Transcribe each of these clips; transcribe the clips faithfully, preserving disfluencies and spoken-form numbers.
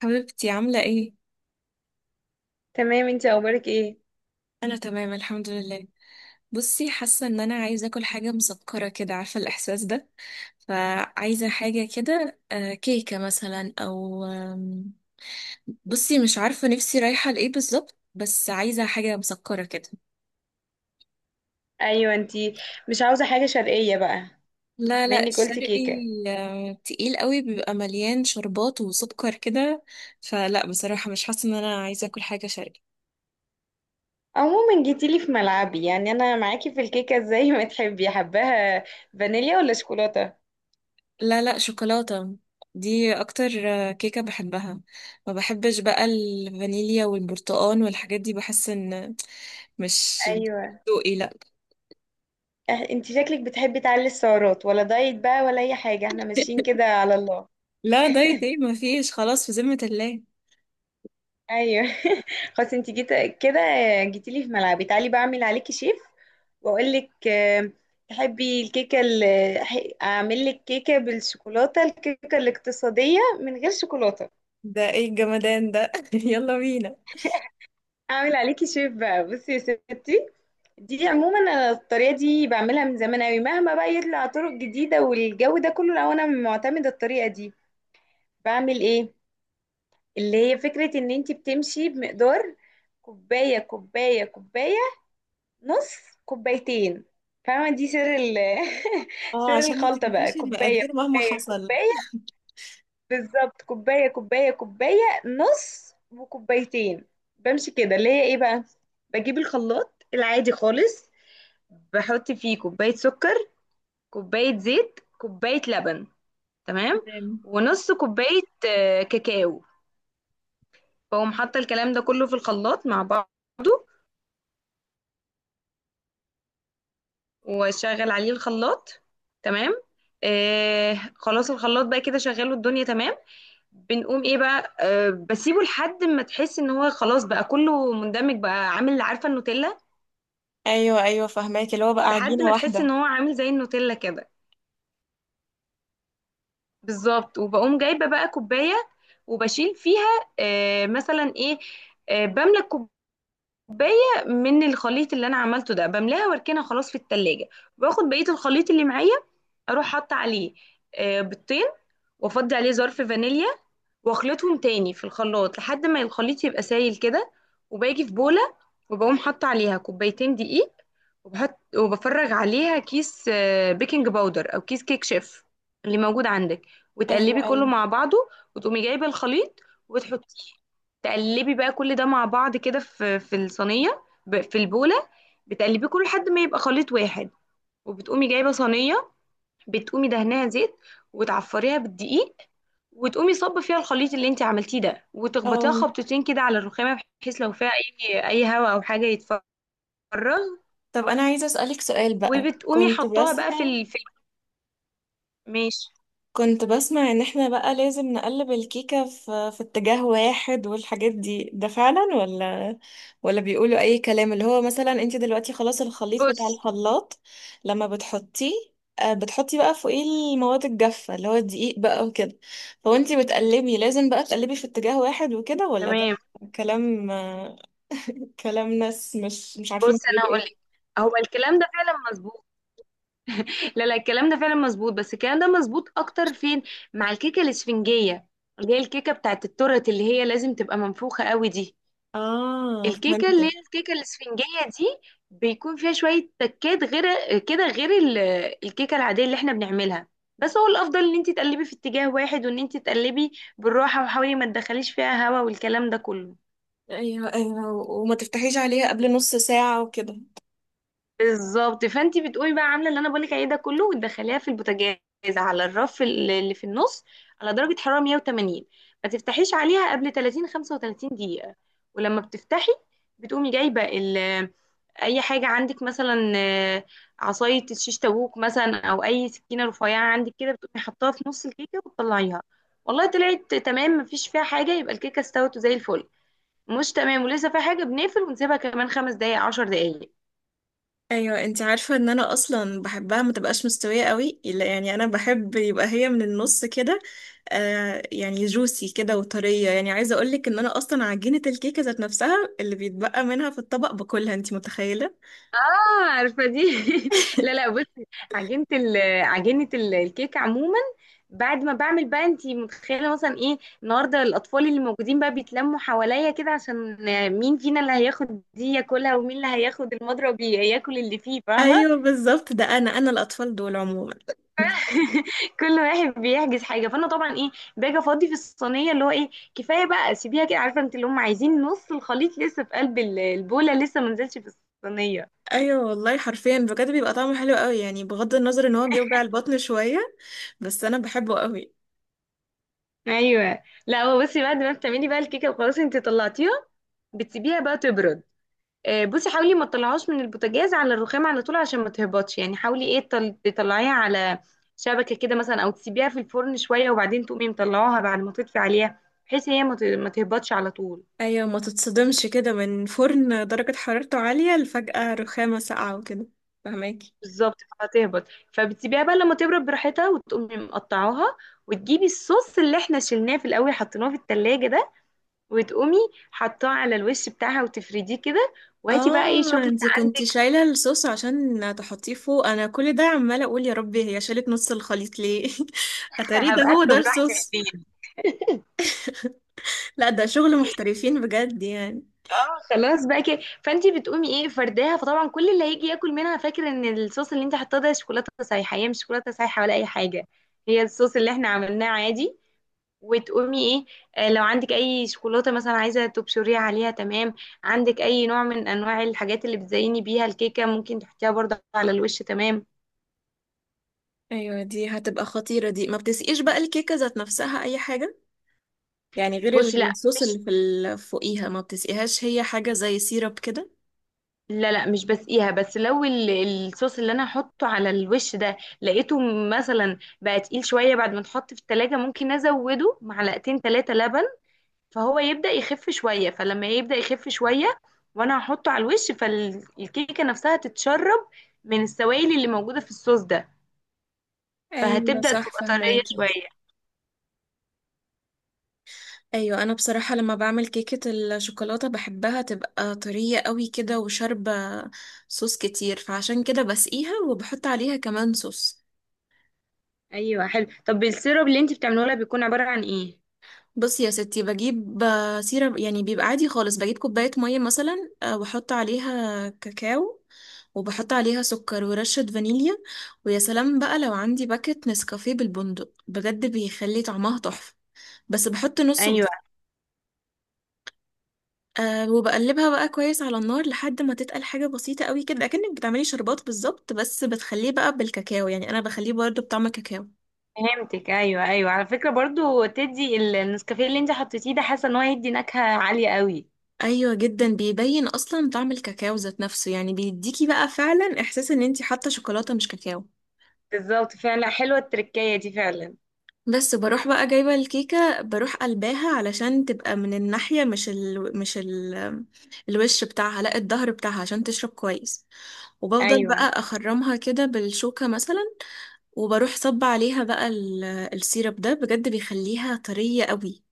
حبيبتي عاملة ايه؟ تمام، انتي اخبارك ايه؟ أنا تمام، الحمد لله. بصي، حاسة إن أنا عايزة أكل حاجة مسكرة كده، عارفة الإحساس ده. فعايزة حاجة كده، آه، كيكة مثلا أو. آم، بصي مش عارفة نفسي رايحة لإيه بالظبط، بس عايزة حاجة مسكرة كده. ايوه انتي، مش عاوزه حاجه شرقيه بقى؟ لا لا، مني قلتي الشرقي كيكه. آه، تقيل قوي، بيبقى مليان شربات وسكر كده، فلا بصراحة مش حاسة إن أنا عايزة أكل حاجة شرقي. عموما جيتيلي في ملعبي، يعني انا معاكي في الكيكه زي ما تحبي، حباها فانيليا ولا شوكولاته؟ لا لا، شوكولاتة. دي اكتر آه، كيكة بحبها. ما بحبش بقى الفانيليا والبرتقال والحاجات دي، بحس ان مش ايوه. ذوقي. لا. اه، انتي شكلك بتحبي تعلي السعرات ولا دايت بقى ولا اي حاجه؟ احنا ماشيين كده على الله. لا دايت ايه، ما فيش خلاص، في ذمة الله. ايوه. خلاص انتي جيت كده، جيتيلي في ملعبي، تعالي بعمل عليكي شيف واقول لك. آه، تحبي الكيكه اللي أح- اعمل لك كيكه بالشوكولاته، الكيكه الاقتصاديه من غير شوكولاته؟ ده ايه الجمدان ده؟ يلا بينا. اعمل عليكي شيف بقى. بصي يا ستي، دي عموما انا الطريقه دي بعملها من زمان قوي، مهما بقى يطلع طرق جديده والجو ده كله، لو انا معتمده الطريقه دي بعمل ايه؟ اللي هي فكره ان انت بتمشي بمقدار كوبايه كوبايه كوبايه، نص، كوبايتين. فاهمه؟ دي سر ال اه، سر عشان ما الخلطه بقى، تنسيش كوبايه المقادير مهما كوبايه حصل. كوبايه بالظبط، كوباية كوباية كوباية، نص وكوبايتين. بمشي كده، اللي هي ايه بقى، بجيب الخلاط العادي خالص، بحط فيه كوباية سكر، كوباية زيت، كوباية لبن، تمام، تمام. ونص كوباية آه، كاكاو. بقوم حاطة الكلام ده كله في الخلاط مع بعضه، واشغل عليه الخلاط، تمام. آه خلاص الخلاط بقى كده، شغله الدنيا تمام. بنقوم ايه بقى، أه بسيبه لحد ما تحس ان هو خلاص بقى كله مندمج، بقى عامل، عارفه النوتيلا؟ ايوه ايوه، فهماك، اللي هو بقى لحد عجينة ما تحس واحدة. ان هو عامل زي النوتيلا كده. بالظبط، وبقوم جايبه بقى كوبايه وبشيل فيها أه مثلا ايه، أه بملى الكوبايه، كوباية من الخليط اللي انا عملته ده، بملاها واركنها خلاص في التلاجة. باخد بقية الخليط اللي معايا، اروح حاطة عليه آه، بيضتين، وافضي عليه ظرف فانيليا، واخلطهم تاني في الخلاط لحد ما الخليط يبقى سايل كده. وباجي في بولة وبقوم حاطة عليها كوبايتين دقيق، وبحط وبفرغ عليها كيس آه، بيكنج باودر او كيس كيك شيف اللي موجود عندك، ايوه وتقلبي كله ايوه. مع بعضه. وتقومي جايبة الخليط وتحطيه، تقلبي بقى كل ده مع بعض كده في في الصينيه ب- في البوله، بتقلبيه كله لحد ما يبقى خليط واحد. وبتقومي جايبه صينيه، بتقومي دهنها زيت وتعفريها بالدقيق، وتقومي صب فيها الخليط اللي انت عملتيه ده، وتخبطيها اه، خبطتين كده على الرخامه، بحيث لو فيها اي اي هواء او حاجه يتفرغ. طب انا عايزة اسألك سؤال بقى. وبتقومي كنت حطاها بقى في بسمع ال... في ال- ماشي. كنت بسمع ان احنا بقى لازم نقلب الكيكة في, في اتجاه واحد والحاجات دي، ده فعلا ولا ولا بيقولوا اي كلام؟ اللي هو مثلا انت دلوقتي خلاص الخليط بتاع بص، الخلاط لما بتحطيه، آه، بتحطي بقى فوقيه المواد الجافة اللي هو الدقيق بقى وكده، فوانتي بتقلبي لازم بقى تقلبي في اتجاه واحد وكده، ولا ده تمام. كلام آه، كلام ناس مش مش عارفين بص انا بيقولوا هقول لك، ايه؟ هو الكلام ده فعلا مظبوط. لا لا، الكلام ده فعلا مظبوط، بس الكلام ده مظبوط اكتر فين؟ مع الكيكه الاسفنجيه، اللي هي الكيكه بتاعت التورت، اللي هي لازم تبقى منفوخه قوي دي. اه، الكيكه اللي هي فهمتك. الكيكه الاسفنجيه دي بيكون فيها شويه تكات، غير كده غير ال- الكيكه العاديه اللي احنا بنعملها. بس هو الافضل ان انت تقلبي في اتجاه واحد، وان انت تقلبي بالراحه، وحاولي ما تدخليش فيها هوا والكلام ده كله. ايوه ايوه، وما تفتحيش عليها قبل نص ساعة وكده. بالظبط، فانت بتقومي بقى عامله اللي انا بقولك عليه ده كله، وتدخليها في البوتاجاز، على الرف ال- اللي في النص، على درجه حراره مية وثمانين. ما تفتحيش عليها قبل ثلاثين خمسة وثلاثين دقيقه. ولما بتفتحي، بتقومي جايبه ال- اي حاجه عندك مثلا، آه، عصايه الشيش تاووك مثلا او اي سكينه رفيعه عندك كده، بتقومي حطاها في نص الكيكه وتطلعيها. والله طلعت تمام مفيش فيها حاجه، يبقى الكيكه استوت زي الفل. مش تمام ولسه فيها حاجه، بنقفل ونسيبها كمان خمس دقائق عشر دقائق. ايوه، انت عارفه ان انا اصلا بحبها ما تبقاش مستويه قوي، لا يعني انا بحب يبقى هي من النص كده، آه يعني جوسي كده وطريه. يعني عايزه اقولك ان انا اصلا عجينه الكيكه ذات نفسها اللي بيتبقى منها في الطبق باكلها، انت متخيله؟ اه، عارفه دي. لا لا بصي، عجينه ال... عجينه ال- الكيك عموما بعد ما بعمل بقى، انت متخيله مثلا ايه النهارده؟ الاطفال اللي موجودين بقى بيتلموا حواليا كده، عشان مين فينا اللي هياخد دي ياكلها، ومين اللي هياخد المضرب ي- ياكل اللي فيه. فاهمه؟ ايوه بالظبط، ده انا انا الاطفال دول عموما. كل واحد بيحجز حاجه. فانا طبعا ايه، باجي افضي في الصينيه، اللي هو ايه، كفايه بقى سيبيها كده، عارفه انت اللي هم عايزين نص الخليط لسه في قلب ال- البوله، لسه ما نزلش في الصينيه. ايوه والله، حرفيا بجد بيبقى طعمه حلو قوي يعني، بغض النظر ان هو بيوجع البطن شويه، بس انا بحبه قوي. ايوه لا، هو بصي بعد ما بتعملي بقى الكيكه وخلاص انت طلعتيها، بتسيبيها بقى تبرد. آه، بصي حاولي ما تطلعهاش من البوتاجاز على الرخام على طول عشان ما تهبطش يعني. حاولي ايه، تل- تطلعيها على شبكه كده مثلا، او تسيبيها في الفرن شويه، وبعدين تقومي مطلعوها بعد ما تطفي عليها، بحيث هي ما ت- ما تهبطش على طول. ايوه، ما تتصدمش كده من فرن درجه حرارته عاليه لفجأة رخامه ساقعه وكده، فهماكي. بالظبط هتهبط. فبتسيبيها بقى لما تبرد براحتها، وتقومي مقطعاها، وتجيبي الصوص اللي احنا شلناه في الاول حطيناه في التلاجة ده، وتقومي حطاه على الوش بتاعها وتفرديه كده. وهاتي بقى ايه، اه، شوكليت انتي كنتي عندك. شايلة الصوص عشان تحطيه فوق؟ انا كل ده عمالة اقول يا ربي هي شالت نص الخليط ليه. اتاري ده هبقى هو اكله ده لوحدي الصوص. بالليل. لا، ده شغل محترفين بجد يعني. اه خلاص بقى كده، فانت بتقومي ايه، فرداها. فطبعا كل اللي هيجي ياكل منها فاكر ان الصوص اللي انت حطاه ده شوكولاته سايحه، هي مش شوكولاته سايحه ولا اي حاجه، هي الصوص اللي احنا عملناه عادي. وتقومي ايه، آه، لو عندك اي شوكولاته مثلا عايزه تبشريها عليها، تمام. عندك اي نوع من انواع الحاجات اللي بتزيني بيها الكيكه ممكن تحطيها برضه على الوش، تمام. ايوه، دي هتبقى خطيرة. دي ما بتسقيش بقى الكيكة ذات نفسها اي حاجة يعني، غير بصي لا الصوص اللي مش، في ال- فوقيها؟ ما بتسقيهاش؟ هي حاجة زي سيرب كده. لا لا مش بسقيها، بس لو ال- الصوص اللي انا هحطه على الوش ده لقيته مثلا بقى تقيل شويه بعد ما اتحط في التلاجة، ممكن ازوده معلقتين ثلاثه لبن، فهو يبدأ يخف شويه. فلما يبدأ يخف شويه وانا هحطه على الوش، فالكيكه نفسها تتشرب من السوائل اللي موجوده في الصوص ده، ايوه فهتبدأ صح، تبقى طريه فهماكي. شويه. ايوه، انا بصراحه لما بعمل كيكه الشوكولاته بحبها تبقى طريه قوي كده وشاربه صوص كتير، فعشان كده بسقيها وبحط عليها كمان صوص. ايوه حلو. طب السيرب اللي انت بتعمله لها بيكون عباره عن ايه؟ بصي يا ستي، بجيب آه، سيرة يعني بيبقى عادي خالص، بجيب كوبايه ميه مثلا، آه، واحط عليها كاكاو وبحط عليها سكر ورشة فانيليا. ويا سلام بقى لو عندي باكت نسكافيه بالبندق، بجد بيخلي طعمها تحفة. بس بحط نصه ايوه بس. أه، وبقلبها بقى كويس على النار لحد ما تتقل حاجة بسيطة قوي كده، أكنك بتعملي شربات بالظبط، بس بتخليه بقى بالكاكاو يعني، أنا بخليه برضه بطعم الكاكاو. فهمتك. ايوه ايوه، على فكره برضو تدي ال- النسكافيه اللي انت حطيتيه ده، حاسه ان هو هيدي نكهه عاليه قوي. أيوة جدا، بيبين أصلا طعم الكاكاو ذات نفسه، يعني بيديكي بقى فعلا إحساس إن انتي حاطة شوكولاتة مش كاكاو. بالظبط، فعلا حلوه التركية دي فعلا. بس بروح بقى جايبة الكيكة، بروح قلباها علشان تبقى من الناحية مش ال... مش ال... الوش بتاعها لا الظهر بتاعها، عشان تشرب كويس. وبفضل بقى ايوه. أخرمها كده بالشوكة مثلا، وبروح صب عليها بقى ال- السيرب ده، بجد بيخليها طرية قوي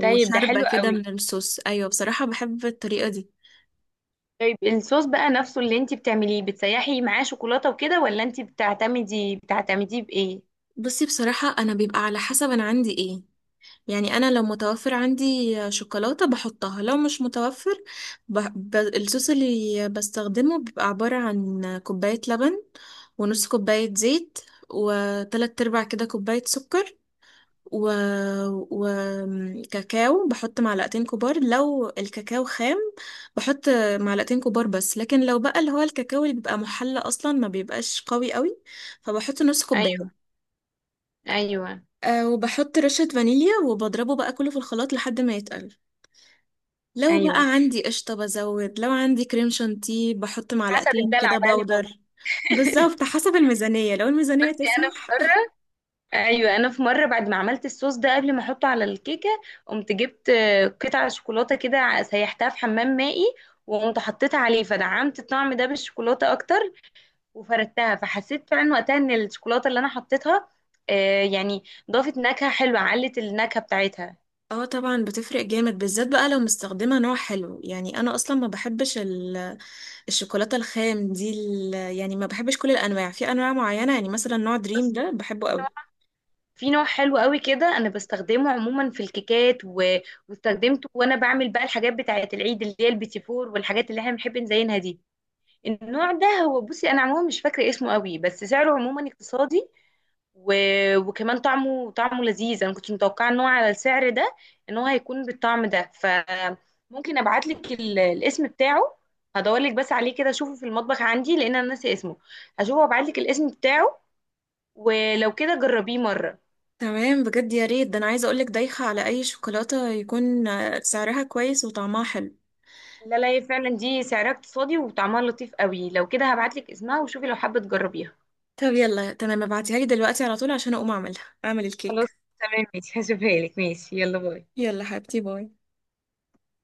طيب ده حلو كده قوي. من الصوص. ايوه بصراحة، بحب الطريقة دي. طيب الصوص بقى نفسه اللي انت بتعمليه بتسيحي معاه شوكولاته وكده، ولا انت بتعتمدي بتعتمديه بايه؟ بصي بصراحة، انا بيبقى على حسب انا عندي ايه، يعني انا لو متوفر عندي شوكولاتة بحطها، لو مش متوفر ب... ب... الصوص اللي بستخدمه بيبقى عبارة عن كوباية لبن، ونص كوباية زيت، وتلات ارباع كده كوباية سكر، و... وكاكاو. بحط معلقتين كبار لو الكاكاو خام. بحط معلقتين كبار بس، لكن لو بقى اللي هو الكاكاو اللي بيبقى محلى اصلا ما بيبقاش قوي قوي، فبحط نص كوبايه. ايوه ايوه أه، وبحط رشة فانيليا وبضربه بقى كله في الخلاط لحد ما يتقل. لو بقى ايوه، عندي قشطة بزود، لو عندي كريم شانتيه بحط حسب معلقتين الدلع كده بقى اللي موجود. باودر. بالظبط، حسب الميزانية لو بس الميزانية انا في تسمح. مره، ايوه انا في مره بعد ما عملت الصوص ده قبل ما احطه على الكيكه، قمت جبت آه، قطعه شوكولاته كده، ع- سيحتها في حمام مائي، وقمت حطيتها عليه، فدعمت الطعم ده بالشوكولاته اكتر، وفردتها. فحسيت فعلا وقتها ان الشوكولاته اللي انا حطيتها آه، يعني ضافت نكهه حلوه، علت النكهه بتاعتها. اه طبعا، بتفرق جامد بالذات بقى لو مستخدمة نوع حلو. يعني انا اصلا ما بحبش الشوكولاتة الخام دي ال- يعني ما بحبش كل الأنواع، في أنواع معينة يعني مثلا نوع دريم بس ده بحبه قوي. في نوع حلو قوي كده، انا بستخدمه عموما في الكيكات و... واستخدمته وانا بعمل بقى الحاجات بتاعه العيد، اللي هي البيتي فور والحاجات اللي احنا بنحب نزينها دي. النوع ده هو بصي انا عموما مش فاكره اسمه قوي، بس سعره عموما اقتصادي، و... وكمان طعمه طعمه لذيذ. انا ما كنتش متوقعه ان هو على السعر ده، ان هو هيكون بالطعم ده. فممكن ابعت لك ال... الاسم بتاعه، هدور لك بس عليه كده اشوفه في المطبخ عندي، لان انا ناسي اسمه. هشوفه وابعت لك الاسم بتاعه، ولو كده جربيه مره. تمام بجد، يا ريت ده. أنا عايزة أقولك دايخة على أي شوكولاتة يكون آه، سعرها كويس وطعمها حلو. لا لا، هي فعلا دي سعرها اقتصادي وطعمها لطيف قوي، لو كده هبعت لك اسمها، وشوفي لو حابه تجربيها. طب يلا تمام، ابعتيها لي دلوقتي على طول عشان أقوم أعملها، أعمل خلاص، الكيك. تمام ماشي، هشوفها لك ماشي، يلا باي. يلا حبيبتي، باي.